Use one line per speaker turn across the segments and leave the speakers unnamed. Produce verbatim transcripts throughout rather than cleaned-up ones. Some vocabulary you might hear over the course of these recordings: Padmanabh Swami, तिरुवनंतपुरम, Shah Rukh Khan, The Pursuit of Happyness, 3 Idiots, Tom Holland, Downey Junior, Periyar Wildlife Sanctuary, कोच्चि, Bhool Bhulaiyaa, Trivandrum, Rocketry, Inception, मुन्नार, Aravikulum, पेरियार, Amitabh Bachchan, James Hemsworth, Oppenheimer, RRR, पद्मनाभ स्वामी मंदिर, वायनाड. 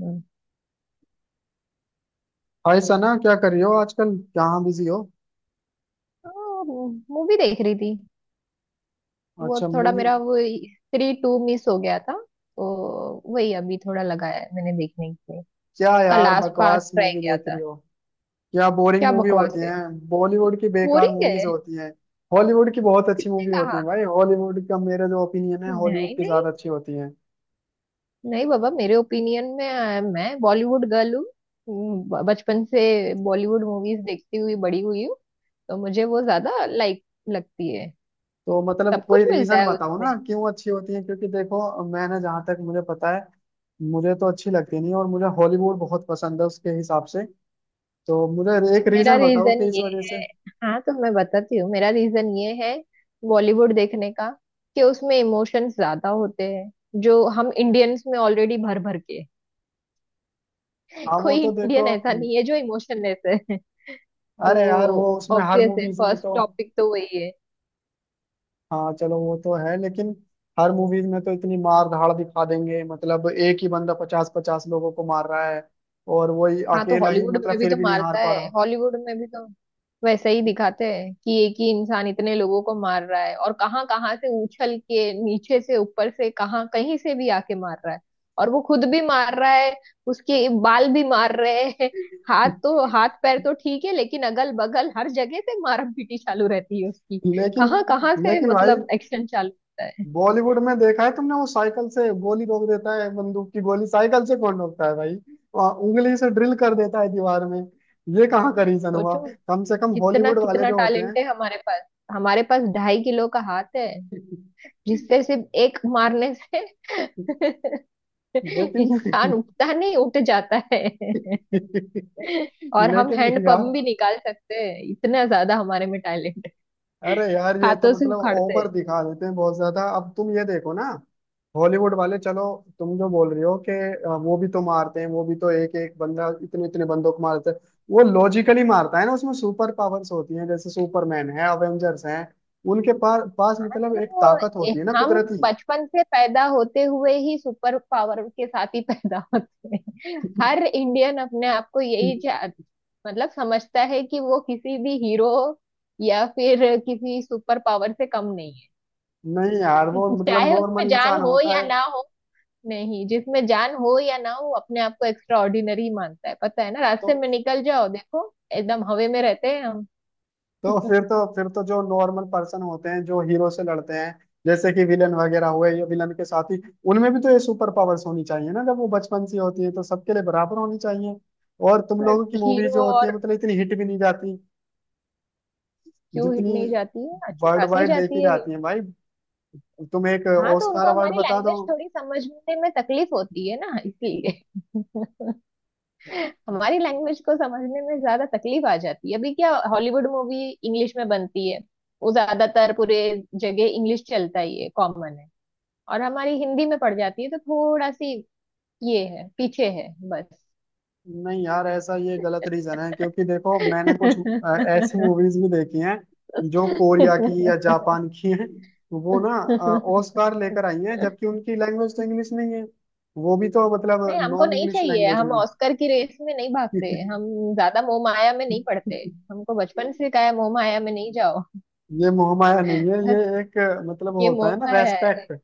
हम्म।
Hi Sana, क्या कर रही हो आजकल? कहाँ बिजी हो?
मूवी देख रही थी। वो
अच्छा,
थोड़ा
मूवी?
मेरा, वो थ्री टू मिस हो गया था, तो वही अभी थोड़ा लगाया है मैंने देखने के लिए।
क्या
का
यार,
लास्ट पार्ट
बकवास
ट्राई
मूवी
किया
देख रही
था।
हो। क्या बोरिंग
क्या
मूवी
बकवास
होती
है।
हैं। बॉलीवुड की बेकार
बोरिंग
मूवीज
है।
होती हैं। हॉलीवुड की बहुत अच्छी
किसने
मूवी होती
कहा?
हैं भाई। हॉलीवुड का मेरा जो ओपिनियन है, हॉलीवुड
नहीं,
की
नहीं।
ज्यादा अच्छी होती हैं।
नहीं बाबा, मेरे ओपिनियन में अ, मैं बॉलीवुड गर्ल हूँ। हम्म, ब- बचपन से बॉलीवुड मूवीज देखती हुई बड़ी हुई हूँ। तो मुझे वो ज्यादा लाइक लगती है।
तो मतलब
सब कुछ
कोई
मिलता
रीजन
है
बताओ ना,
उसमें।
क्यों अच्छी होती हैं। क्योंकि देखो, मैंने जहाँ तक मुझे पता है, मुझे तो अच्छी लगती नहीं है, और मुझे हॉलीवुड बहुत पसंद है उसके हिसाब से। तो मुझे एक
तो मेरा
रीजन बताओ
रीजन
कि इस
ये
वजह से।
है। हाँ, तो मैं बताती हूँ, मेरा रीजन ये है बॉलीवुड देखने का कि उसमें इमोशंस ज्यादा होते हैं, जो हम इंडियंस में ऑलरेडी भर भर के हैं।
हाँ वो
कोई
तो देखो,
इंडियन ऐसा नहीं है जो इमोशनलेस है। तो
अरे यार वो उसमें हर
ऑब्वियस है,
मूवीज में
फर्स्ट
तो।
टॉपिक तो वही है।
हाँ चलो वो तो है, लेकिन हर मूवीज में तो इतनी मार धाड़ दिखा देंगे, मतलब एक ही बंदा पचास पचास लोगों को मार रहा है, और वो ही
हाँ, तो
अकेला ही,
हॉलीवुड में
मतलब
भी
फिर
तो
भी नहीं हार
मारता
पा
है,
रहा।
हॉलीवुड में भी तो वैसा ही दिखाते हैं कि एक ही इंसान इतने लोगों को मार रहा है और कहाँ कहाँ से उछल के, नीचे से, ऊपर से, कहाँ कहीं से भी आके मार रहा है। और वो खुद भी मार रहा है, उसके बाल भी मार रहे हैं। हाथ तो हाथ, पैर तो ठीक है, लेकिन अगल बगल हर जगह से मार पीटी चालू रहती है उसकी।
लेकिन
कहाँ कहाँ से
लेकिन भाई,
मतलब एक्शन चालू होता है।
बॉलीवुड में देखा है तुमने, वो साइकिल से गोली रोक देता है, बंदूक की गोली साइकिल से कौन रोकता है भाई। वहाँ उंगली से ड्रिल कर देता है दीवार में। ये कहाँ का रीजन हुआ?
सोचो
कम से कम
कितना
हॉलीवुड वाले
कितना
जो होते हैं।
टैलेंट है हमारे पास। हमारे पास ढाई किलो का हाथ है, जिससे सिर्फ एक मारने से
लेकिन
इंसान उठता नहीं, उठ जाता है। और हम हैंड
लेकिन यार,
पंप भी निकाल सकते हैं, इतना ज्यादा हमारे में टैलेंट है।
अरे यार ये तो
हाथों से
मतलब
उखाड़ते
ओवर
हैं।
दिखा देते हैं बहुत ज्यादा। अब तुम ये देखो ना, हॉलीवुड वाले, चलो तुम जो बोल रही हो कि अ, वो भी तो मारते हैं, वो भी तो एक एक बंदा इतने इतने बंदों को मारते हैं। वो लॉजिकली मारता है ना, उसमें सुपर पावर्स होती हैं, जैसे सुपरमैन है, अवेंजर्स हैं। उनके पास पास
हाँ,
मतलब एक
तो
ताकत
ए-
होती है ना,
हम
कुदरती।
बचपन से पैदा होते हुए ही सुपर पावर के साथ ही पैदा होते हैं। हर इंडियन अपने आप को यही चा- मतलब समझता है कि वो किसी भी हीरो या फिर किसी सुपर पावर से कम नहीं,
नहीं यार, वो मतलब
चाहे उसमें
नॉर्मल
जान
इंसान
हो
होता
या
है।
ना हो। नहीं, जिसमें जान हो या ना हो, अपने आप को एक्स्ट्रा ऑर्डिनरी मानता है। पता है ना,
तो
रास्ते में निकल जाओ, देखो एकदम हवे में रहते हैं हम।
तो फिर तो फिर तो जो नॉर्मल पर्सन होते हैं, जो हीरो से लड़ते हैं, जैसे कि विलन वगैरह हुए, या विलन के साथी, उनमें भी तो ये सुपर पावर्स होनी चाहिए ना। जब वो बचपन से होती है तो सबके लिए बराबर होनी चाहिए। और तुम
पर
लोगों की मूवी
हीरो
जो होती है,
और
मतलब इतनी हिट भी नहीं जाती,
क्यों हिट
जितनी
नहीं जाती है? अच्छी
वर्ल्ड
खासी
वाइड देखी
जाती है हिट।
जाती है भाई। तुम एक
हाँ, तो
ऑस्कार
उनको
अवार्ड
हमारी
बता दो।
लैंग्वेज थोड़ी समझने में तकलीफ होती है ना, इसलिए। हमारी लैंग्वेज को समझने में ज्यादा तकलीफ आ जाती है। अभी क्या हॉलीवुड मूवी इंग्लिश में बनती है, वो ज्यादातर पूरे जगह इंग्लिश चलता ही है, कॉमन है। और हमारी हिंदी में पड़ जाती है तो थोड़ा सी ये है, पीछे है बस।
नहीं यार, ऐसा ये गलत रीजन है। क्योंकि देखो, मैंने कुछ अ, ऐसी मूवीज भी देखी हैं जो कोरिया की या जापान की हैं। वो ना ऑस्कार लेकर आई हैं, जबकि उनकी लैंग्वेज तो इंग्लिश नहीं है। वो भी तो मतलब
नहीं, हमको
नॉन
नहीं
इंग्लिश
चाहिए।
लैंग्वेज
हम
में।
ऑस्कर की रेस में नहीं भागते। हम ज्यादा मोह माया में नहीं पड़ते। हमको बचपन से कहा है, मोह माया में नहीं जाओ।
ये मोहमाया नहीं है,
बस,
ये एक अ, मतलब
ये
होता
मोह
है ना,
माया है।
रेस्पेक्ट।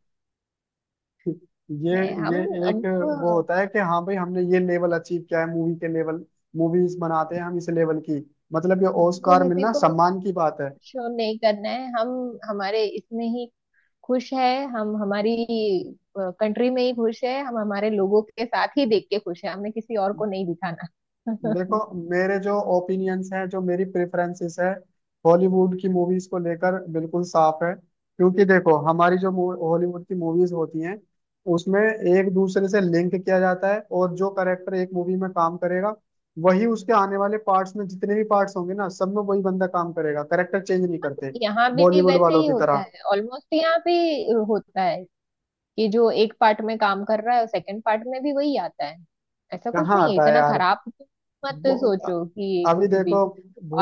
ये
नहीं, हम, अब
ये एक
हमको
वो होता है कि हाँ भाई, हमने ये लेवल अचीव किया है, मूवी के लेवल, मूवीज बनाते हैं हम इस लेवल की। मतलब ये ऑस्कार
किसी
मिलना
को
सम्मान की बात है।
शो नहीं करना है। हम हमारे इसमें ही खुश है। हम हमारी कंट्री में ही खुश है। हम हमारे लोगों के साथ ही देख के खुश है। हमें किसी और को नहीं दिखाना।
देखो, मेरे जो ओपिनियंस हैं, जो मेरी प्रेफरेंसेस है हॉलीवुड की मूवीज को लेकर, बिल्कुल साफ है। क्योंकि देखो, हमारी जो हॉलीवुड की मूवीज होती हैं, उसमें एक दूसरे से लिंक किया जाता है, और जो करेक्टर एक मूवी में काम करेगा, वही उसके आने वाले पार्ट्स में, जितने भी पार्ट्स होंगे ना, सब में वही बंदा काम करेगा, करेक्टर चेंज नहीं करते
यहाँ भी
बॉलीवुड
वैसे
वालों
ही
की
होता
तरह।
है, ऑलमोस्ट यहाँ भी होता है कि जो एक पार्ट में काम कर रहा है, सेकंड पार्ट में भी वही आता है। ऐसा कुछ
कहाँ
नहीं है,
आता है
इतना
यार।
खराब मत
वो
सोचो कि
अभी
कुछ भी।
देखो,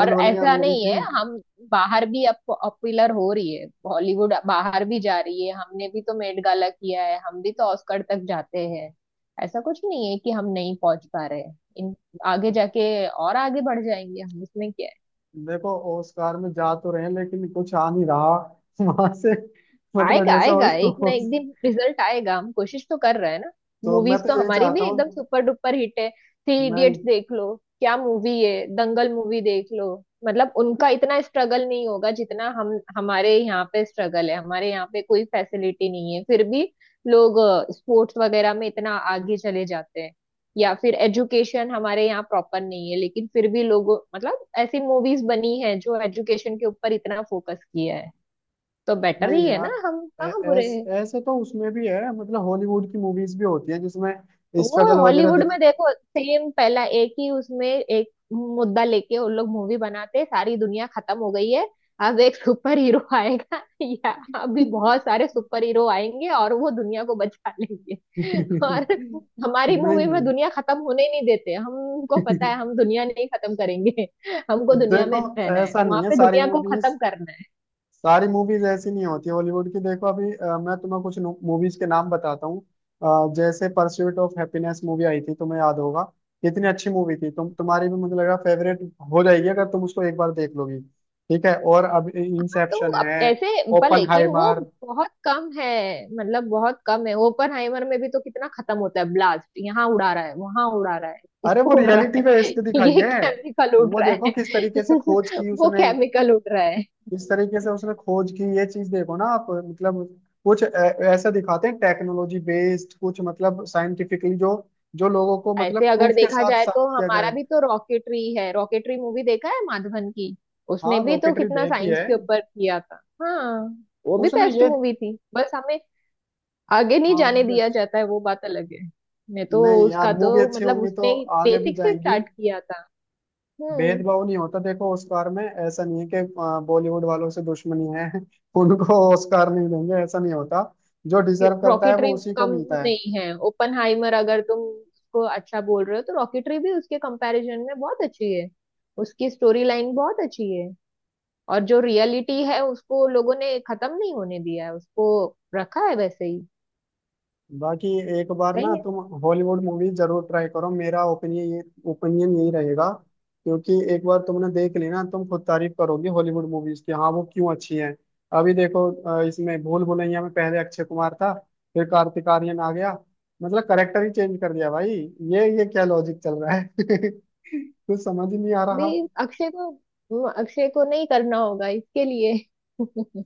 और
भुलैया
ऐसा
मूवी
नहीं
थी।
है, हम बाहर भी अब पॉपुलर हो रही है। बॉलीवुड बाहर भी जा रही है। हमने भी तो मेट गाला किया है। हम भी तो ऑस्कर तक जाते हैं। ऐसा कुछ नहीं है कि हम नहीं पहुंच पा रहे हैं इन। आगे जाके और आगे बढ़ जाएंगे, हम इसमें क्या है?
देखो, ओस्कार में जा तो रहे हैं, लेकिन कुछ आ नहीं रहा। वहां से, मतलब
आएगा
जैसा हो
आएगा, एक ना
हो-
एक दिन रिजल्ट आएगा। हम कोशिश तो कर रहे हैं ना।
तो मैं
मूवीज
तो
तो
यही
हमारी भी
चाहता
एकदम
हूँ।
सुपर डुपर हिट है। थ्री
मैं
इडियट्स देख लो, क्या मूवी है। दंगल मूवी देख लो। मतलब उनका इतना स्ट्रगल नहीं होगा जितना हम, हमारे यहाँ पे स्ट्रगल है। हमारे यहाँ पे कोई फैसिलिटी नहीं है, फिर भी लोग स्पोर्ट्स वगैरह में इतना आगे चले जाते हैं। या फिर एजुकेशन हमारे यहाँ प्रॉपर नहीं है, लेकिन फिर भी लोग, मतलब ऐसी मूवीज बनी है जो एजुकेशन के ऊपर इतना फोकस किया है। तो बेटर
नहीं
ही है ना,
यार,
हम
ऐ-
कहाँ बुरे
ऐस,
हैं।
ऐसे तो उसमें भी है, मतलब हॉलीवुड की मूवीज भी होती है जिसमें
वो
स्ट्रगल वगैरह
हॉलीवुड
दिख।
में देखो, सेम पहला एक ही उसमें एक मुद्दा लेके उन लोग मूवी बनाते, सारी दुनिया खत्म हो गई है, अब एक सुपर हीरो आएगा या अभी बहुत सारे सुपर हीरो आएंगे और वो दुनिया को बचा लेंगे। और हमारी मूवी में
नहीं।
दुनिया खत्म होने ही नहीं देते। हमको पता है हम दुनिया नहीं खत्म करेंगे। हमको दुनिया
देखो,
में रहना है,
ऐसा
वहां
नहीं है।
पे
सारी
दुनिया को
मूवीज
खत्म करना है।
सारी मूवीज ऐसी नहीं होती हॉलीवुड की। देखो अभी, अ, मैं तुम्हें कुछ मूवीज के नाम बताता हूँ। अ, जैसे परस्यूट ऑफ हैप्पीनेस मूवी आई थी, तुम्हें याद होगा, कितनी अच्छी मूवी थी। तुम तुम्हारी भी मुझे लगा फेवरेट हो जाएगी, अगर तुम उसको एक बार देख लोगी। ठीक है, और अब
तो
इंसेप्शन
अब
है,
ऐसे पर, लेकिन वो
ओपनहाइमर।
बहुत कम है। मतलब बहुत कम है। ओपनहाइमर में भी तो कितना खत्म होता है, ब्लास्ट यहाँ उड़ा रहा है, वहां उड़ा रहा है,
अरे
इसको
वो
उड़ रहा
रियलिटी पे
है।
बेस्ड दिखाई
ये
है।
केमिकल उड़
वो
रहा
देखो
है।
किस तरीके से खोज की
वो
उसने,
केमिकल उड़ रहा है।
इस तरीके से उसने खोज की। ये चीज देखो ना, आप मतलब कुछ ऐ- ऐसा दिखाते हैं, टेक्नोलॉजी बेस्ड कुछ, मतलब साइंटिफिकली जो जो लोगों को
ऐसे
मतलब
अगर
प्रूफ के
देखा
साथ
जाए तो
साबित किया
हमारा
जाए।
भी तो रॉकेटरी है। रॉकेटरी मूवी देखा है माधवन की, उसने
हाँ
भी तो
रॉकेटरी
कितना
देखी
साइंस
है,
के ऊपर किया था। हाँ, वो भी
उसने
बेस्ट
ये।
मूवी थी, बस हमें आगे नहीं
हाँ
जाने
मूवी
दिया
अच्छी,
जाता है, वो बात अलग है। मैं तो,
नहीं यार
उसका
मूवी
तो
अच्छी
मतलब
होंगी तो
उसने
आगे भी
बेसिक से
जाएंगी।
स्टार्ट किया था। हम्म।
भेदभाव नहीं होता। देखो ऑस्कार में ऐसा नहीं है कि अ, बॉलीवुड वालों से दुश्मनी है, उनको ऑस्कार नहीं देंगे, ऐसा नहीं होता। जो डिजर्व करता है,
रॉकेटरी
वो उसी को
कम
मिलता है।
नहीं है ओपनहाइमर, अगर तुम उसको अच्छा बोल रहे हो तो रॉकेटरी भी उसके कंपैरिजन में बहुत अच्छी है। उसकी स्टोरी लाइन बहुत अच्छी है और जो रियलिटी है उसको लोगों ने खत्म नहीं होने दिया है, उसको रखा है वैसे ही।
बाकी एक बार ना
कहीं
तुम हॉलीवुड मूवी जरूर ट्राई करो। मेरा ओपिनियन ये ओपिनियन यही रहेगा। क्योंकि एक बार तुमने देख ली ना, तुम खुद तारीफ करोगे हॉलीवुड मूवीज की, हाँ वो क्यों अच्छी हैं। अभी देखो, अ, इसमें भूल भुलैया में पहले अक्षय कुमार था, फिर कार्तिक आर्यन आ गया, मतलब करेक्टर ही चेंज कर दिया भाई। ये ये क्या लॉजिक चल रहा है। कुछ समझ ही नहीं आ रहा।
भी अक्षय को, हम्म, अक्षय को नहीं करना होगा इसके लिए।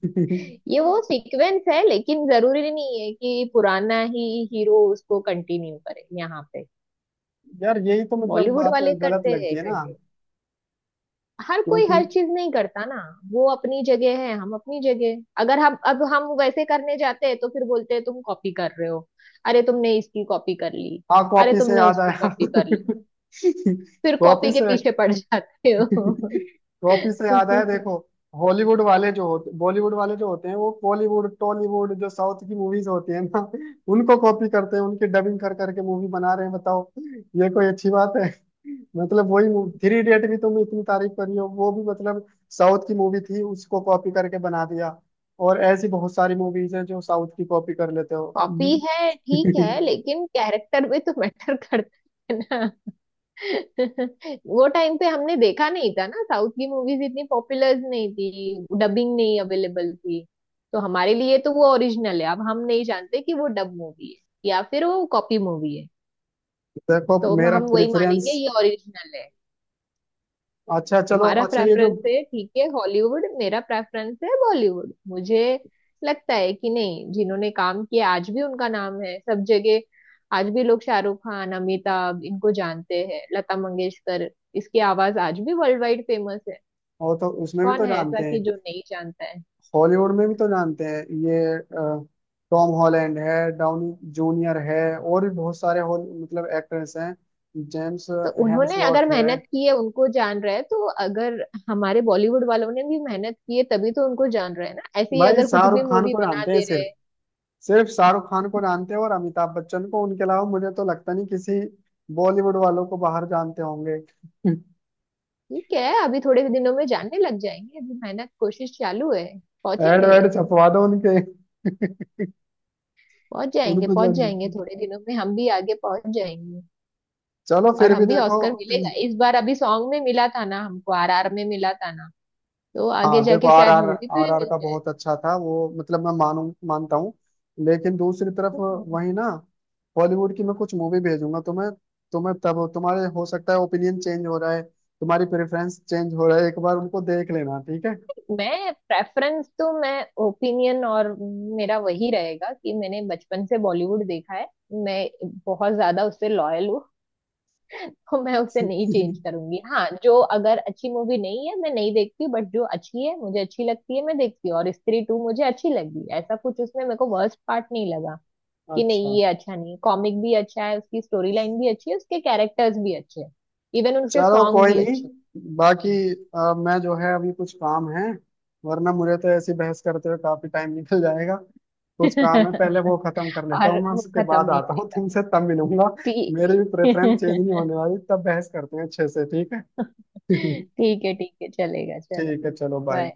ये वो सीक्वेंस है, लेकिन जरूरी नहीं है कि पुराना ही हीरो उसको कंटिन्यू करे यहाँ पे।
यार यही तो मतलब
बॉलीवुड
बात
वाले
गलत
करते
लगती
हैं
है ना।
कंटिन्यू। हर कोई
क्योंकि
हर चीज नहीं करता ना। वो अपनी जगह है, हम अपनी जगह। अगर हम, अब हम वैसे करने जाते हैं तो फिर बोलते हैं तुम कॉपी कर रहे हो। अरे तुमने इसकी कॉपी कर ली,
हाँ,
अरे
कॉपी से
तुमने
याद
उसकी
आया।
कॉपी कर ली, फिर कॉपी
कॉपी
के
से,
पीछे पड़ जाते हो।
कॉपी से याद आया, देखो हॉलीवुड वाले जो होते, बॉलीवुड वाले जो होते हैं, वो बॉलीवुड टॉलीवुड, जो साउथ की मूवीज होती है ना, उनको कॉपी करते हैं, उनकी डबिंग कर करके मूवी बना रहे हैं, बताओ ये कोई अच्छी बात है? मतलब वही थ्री इडियट भी तुम इतनी तारीफ करी हो, वो भी मतलब साउथ की मूवी थी, उसको कॉपी करके बना दिया। और ऐसी बहुत सारी मूवीज हैं जो साउथ की कॉपी कर लेते हो।
कॉपी
ये-
है ठीक है, लेकिन कैरेक्टर भी तो मैटर करता है ना। वो टाइम पे हमने देखा नहीं था ना, साउथ की मूवीज इतनी पॉपुलर नहीं थी, डबिंग नहीं अवेलेबल थी। तो हमारे लिए तो वो ओरिजिनल है। अब हम नहीं जानते कि वो डब मूवी है या फिर वो कॉपी मूवी है,
देखो
तो
मेरा
हम वही मानेंगे
प्रेफरेंस,
ये ओरिजिनल है।
अच्छा चलो,
तुम्हारा
अच्छा ये जो,
प्रेफरेंस है ठीक है, हॉलीवुड। मेरा प्रेफरेंस है बॉलीवुड। मुझे लगता है कि नहीं, जिन्होंने काम किया आज भी उनका नाम है सब जगह। आज भी लोग शाहरुख खान, अमिताभ इनको जानते हैं। लता मंगेशकर, इसकी आवाज आज भी वर्ल्ड वाइड फेमस है।
और तो उसमें भी
कौन
तो
है ऐसा
जानते
कि
हैं,
जो नहीं जानता है।
हॉलीवुड में भी तो जानते हैं, ये अ, टॉम हॉलैंड है, डाउनी जूनियर है, और भी बहुत सारे हॉल मतलब एक्टर्स हैं, जेम्स
तो उन्होंने अगर
हेम्सवर्थ है।
मेहनत की है उनको जान रहा है, तो अगर हमारे बॉलीवुड वालों ने भी मेहनत की है तभी तो उनको जान रहा है ना। ऐसे ही
भाई
अगर कुछ
शाहरुख
भी
खान
मूवी
को
बना
जानते हैं,
दे रहे
सिर्फ
हैं।
सिर्फ शाहरुख खान को जानते हैं, और अमिताभ बच्चन को। उनके अलावा मुझे तो लगता नहीं किसी बॉलीवुड वालों को बाहर जानते होंगे।
ठीक है, अभी थोड़े दिनों में जानने लग जाएंगे। अभी मेहनत, कोशिश चालू है,
एड
पहुंचेंगे।
वेड छपवा दो उनके।
पहुंच जाएंगे,
उनको
पहुंच
जान,
जाएंगे थोड़े दिनों में हम भी आगे पहुंच जाएंगे।
चलो
और
फिर
हम
भी
भी,
देखो।
ऑस्कर मिलेगा इस बार। अभी सॉन्ग में मिला था ना हमको, आर आर में मिला था ना। तो आगे
हाँ देखो
जाके शायद
आर आर
मूवी पे
आर
भी
आर
मिल
का
जाए।
बहुत अच्छा था वो, मतलब मैं मानू, मानता हूँ। लेकिन दूसरी तरफ
तो
वही ना, बॉलीवुड की मैं कुछ मूवी भेजूंगा तुम्हें। तुम्हें तब तुम्हारे हो सकता है ओपिनियन चेंज हो रहा है, तुम्हारी प्रेफरेंस चेंज हो रहा है, एक बार उनको देख लेना, ठीक है।
मैं प्रेफरेंस तो, मैं ओपिनियन और मेरा वही रहेगा कि मैंने बचपन से बॉलीवुड देखा है। मैं बहुत ज्यादा उससे लॉयल हूँ, तो मैं उसे नहीं चेंज करूंगी। हाँ, जो अगर अच्छी मूवी नहीं है मैं नहीं देखती, बट जो अच्छी है मुझे अच्छी लगती है मैं देखती हूँ। और स्त्री टू मुझे अच्छी लगी, ऐसा कुछ उसमें मेरे को वर्स्ट पार्ट नहीं लगा कि
अच्छा
नहीं ये अच्छा नहीं। कॉमिक भी अच्छा है, उसकी स्टोरी लाइन भी अच्छी है, उसके कैरेक्टर्स भी अच्छे हैं। इवन उसके
चलो,
सॉन्ग
कोई
भी
नहीं।
अच्छे
बाकी अ, मैं जो है, अभी कुछ काम है, वरना मुझे तो ऐसी बहस करते हुए काफी टाइम निकल जाएगा।
हैं।
कुछ काम है, पहले वो खत्म कर लेता
और
हूँ मैं,
वो
उसके
खत्म
बाद
नहीं
आता हूँ तुमसे, तब मिलूंगा।
हुई। ठीक
मेरी भी प्रेफरेंस चेंज नहीं होने वाली, तब बहस करते हैं अच्छे से, ठीक है।
ठीक है, ठीक है, चलेगा। चलो,
ठीक है, चलो बाय।
बाय।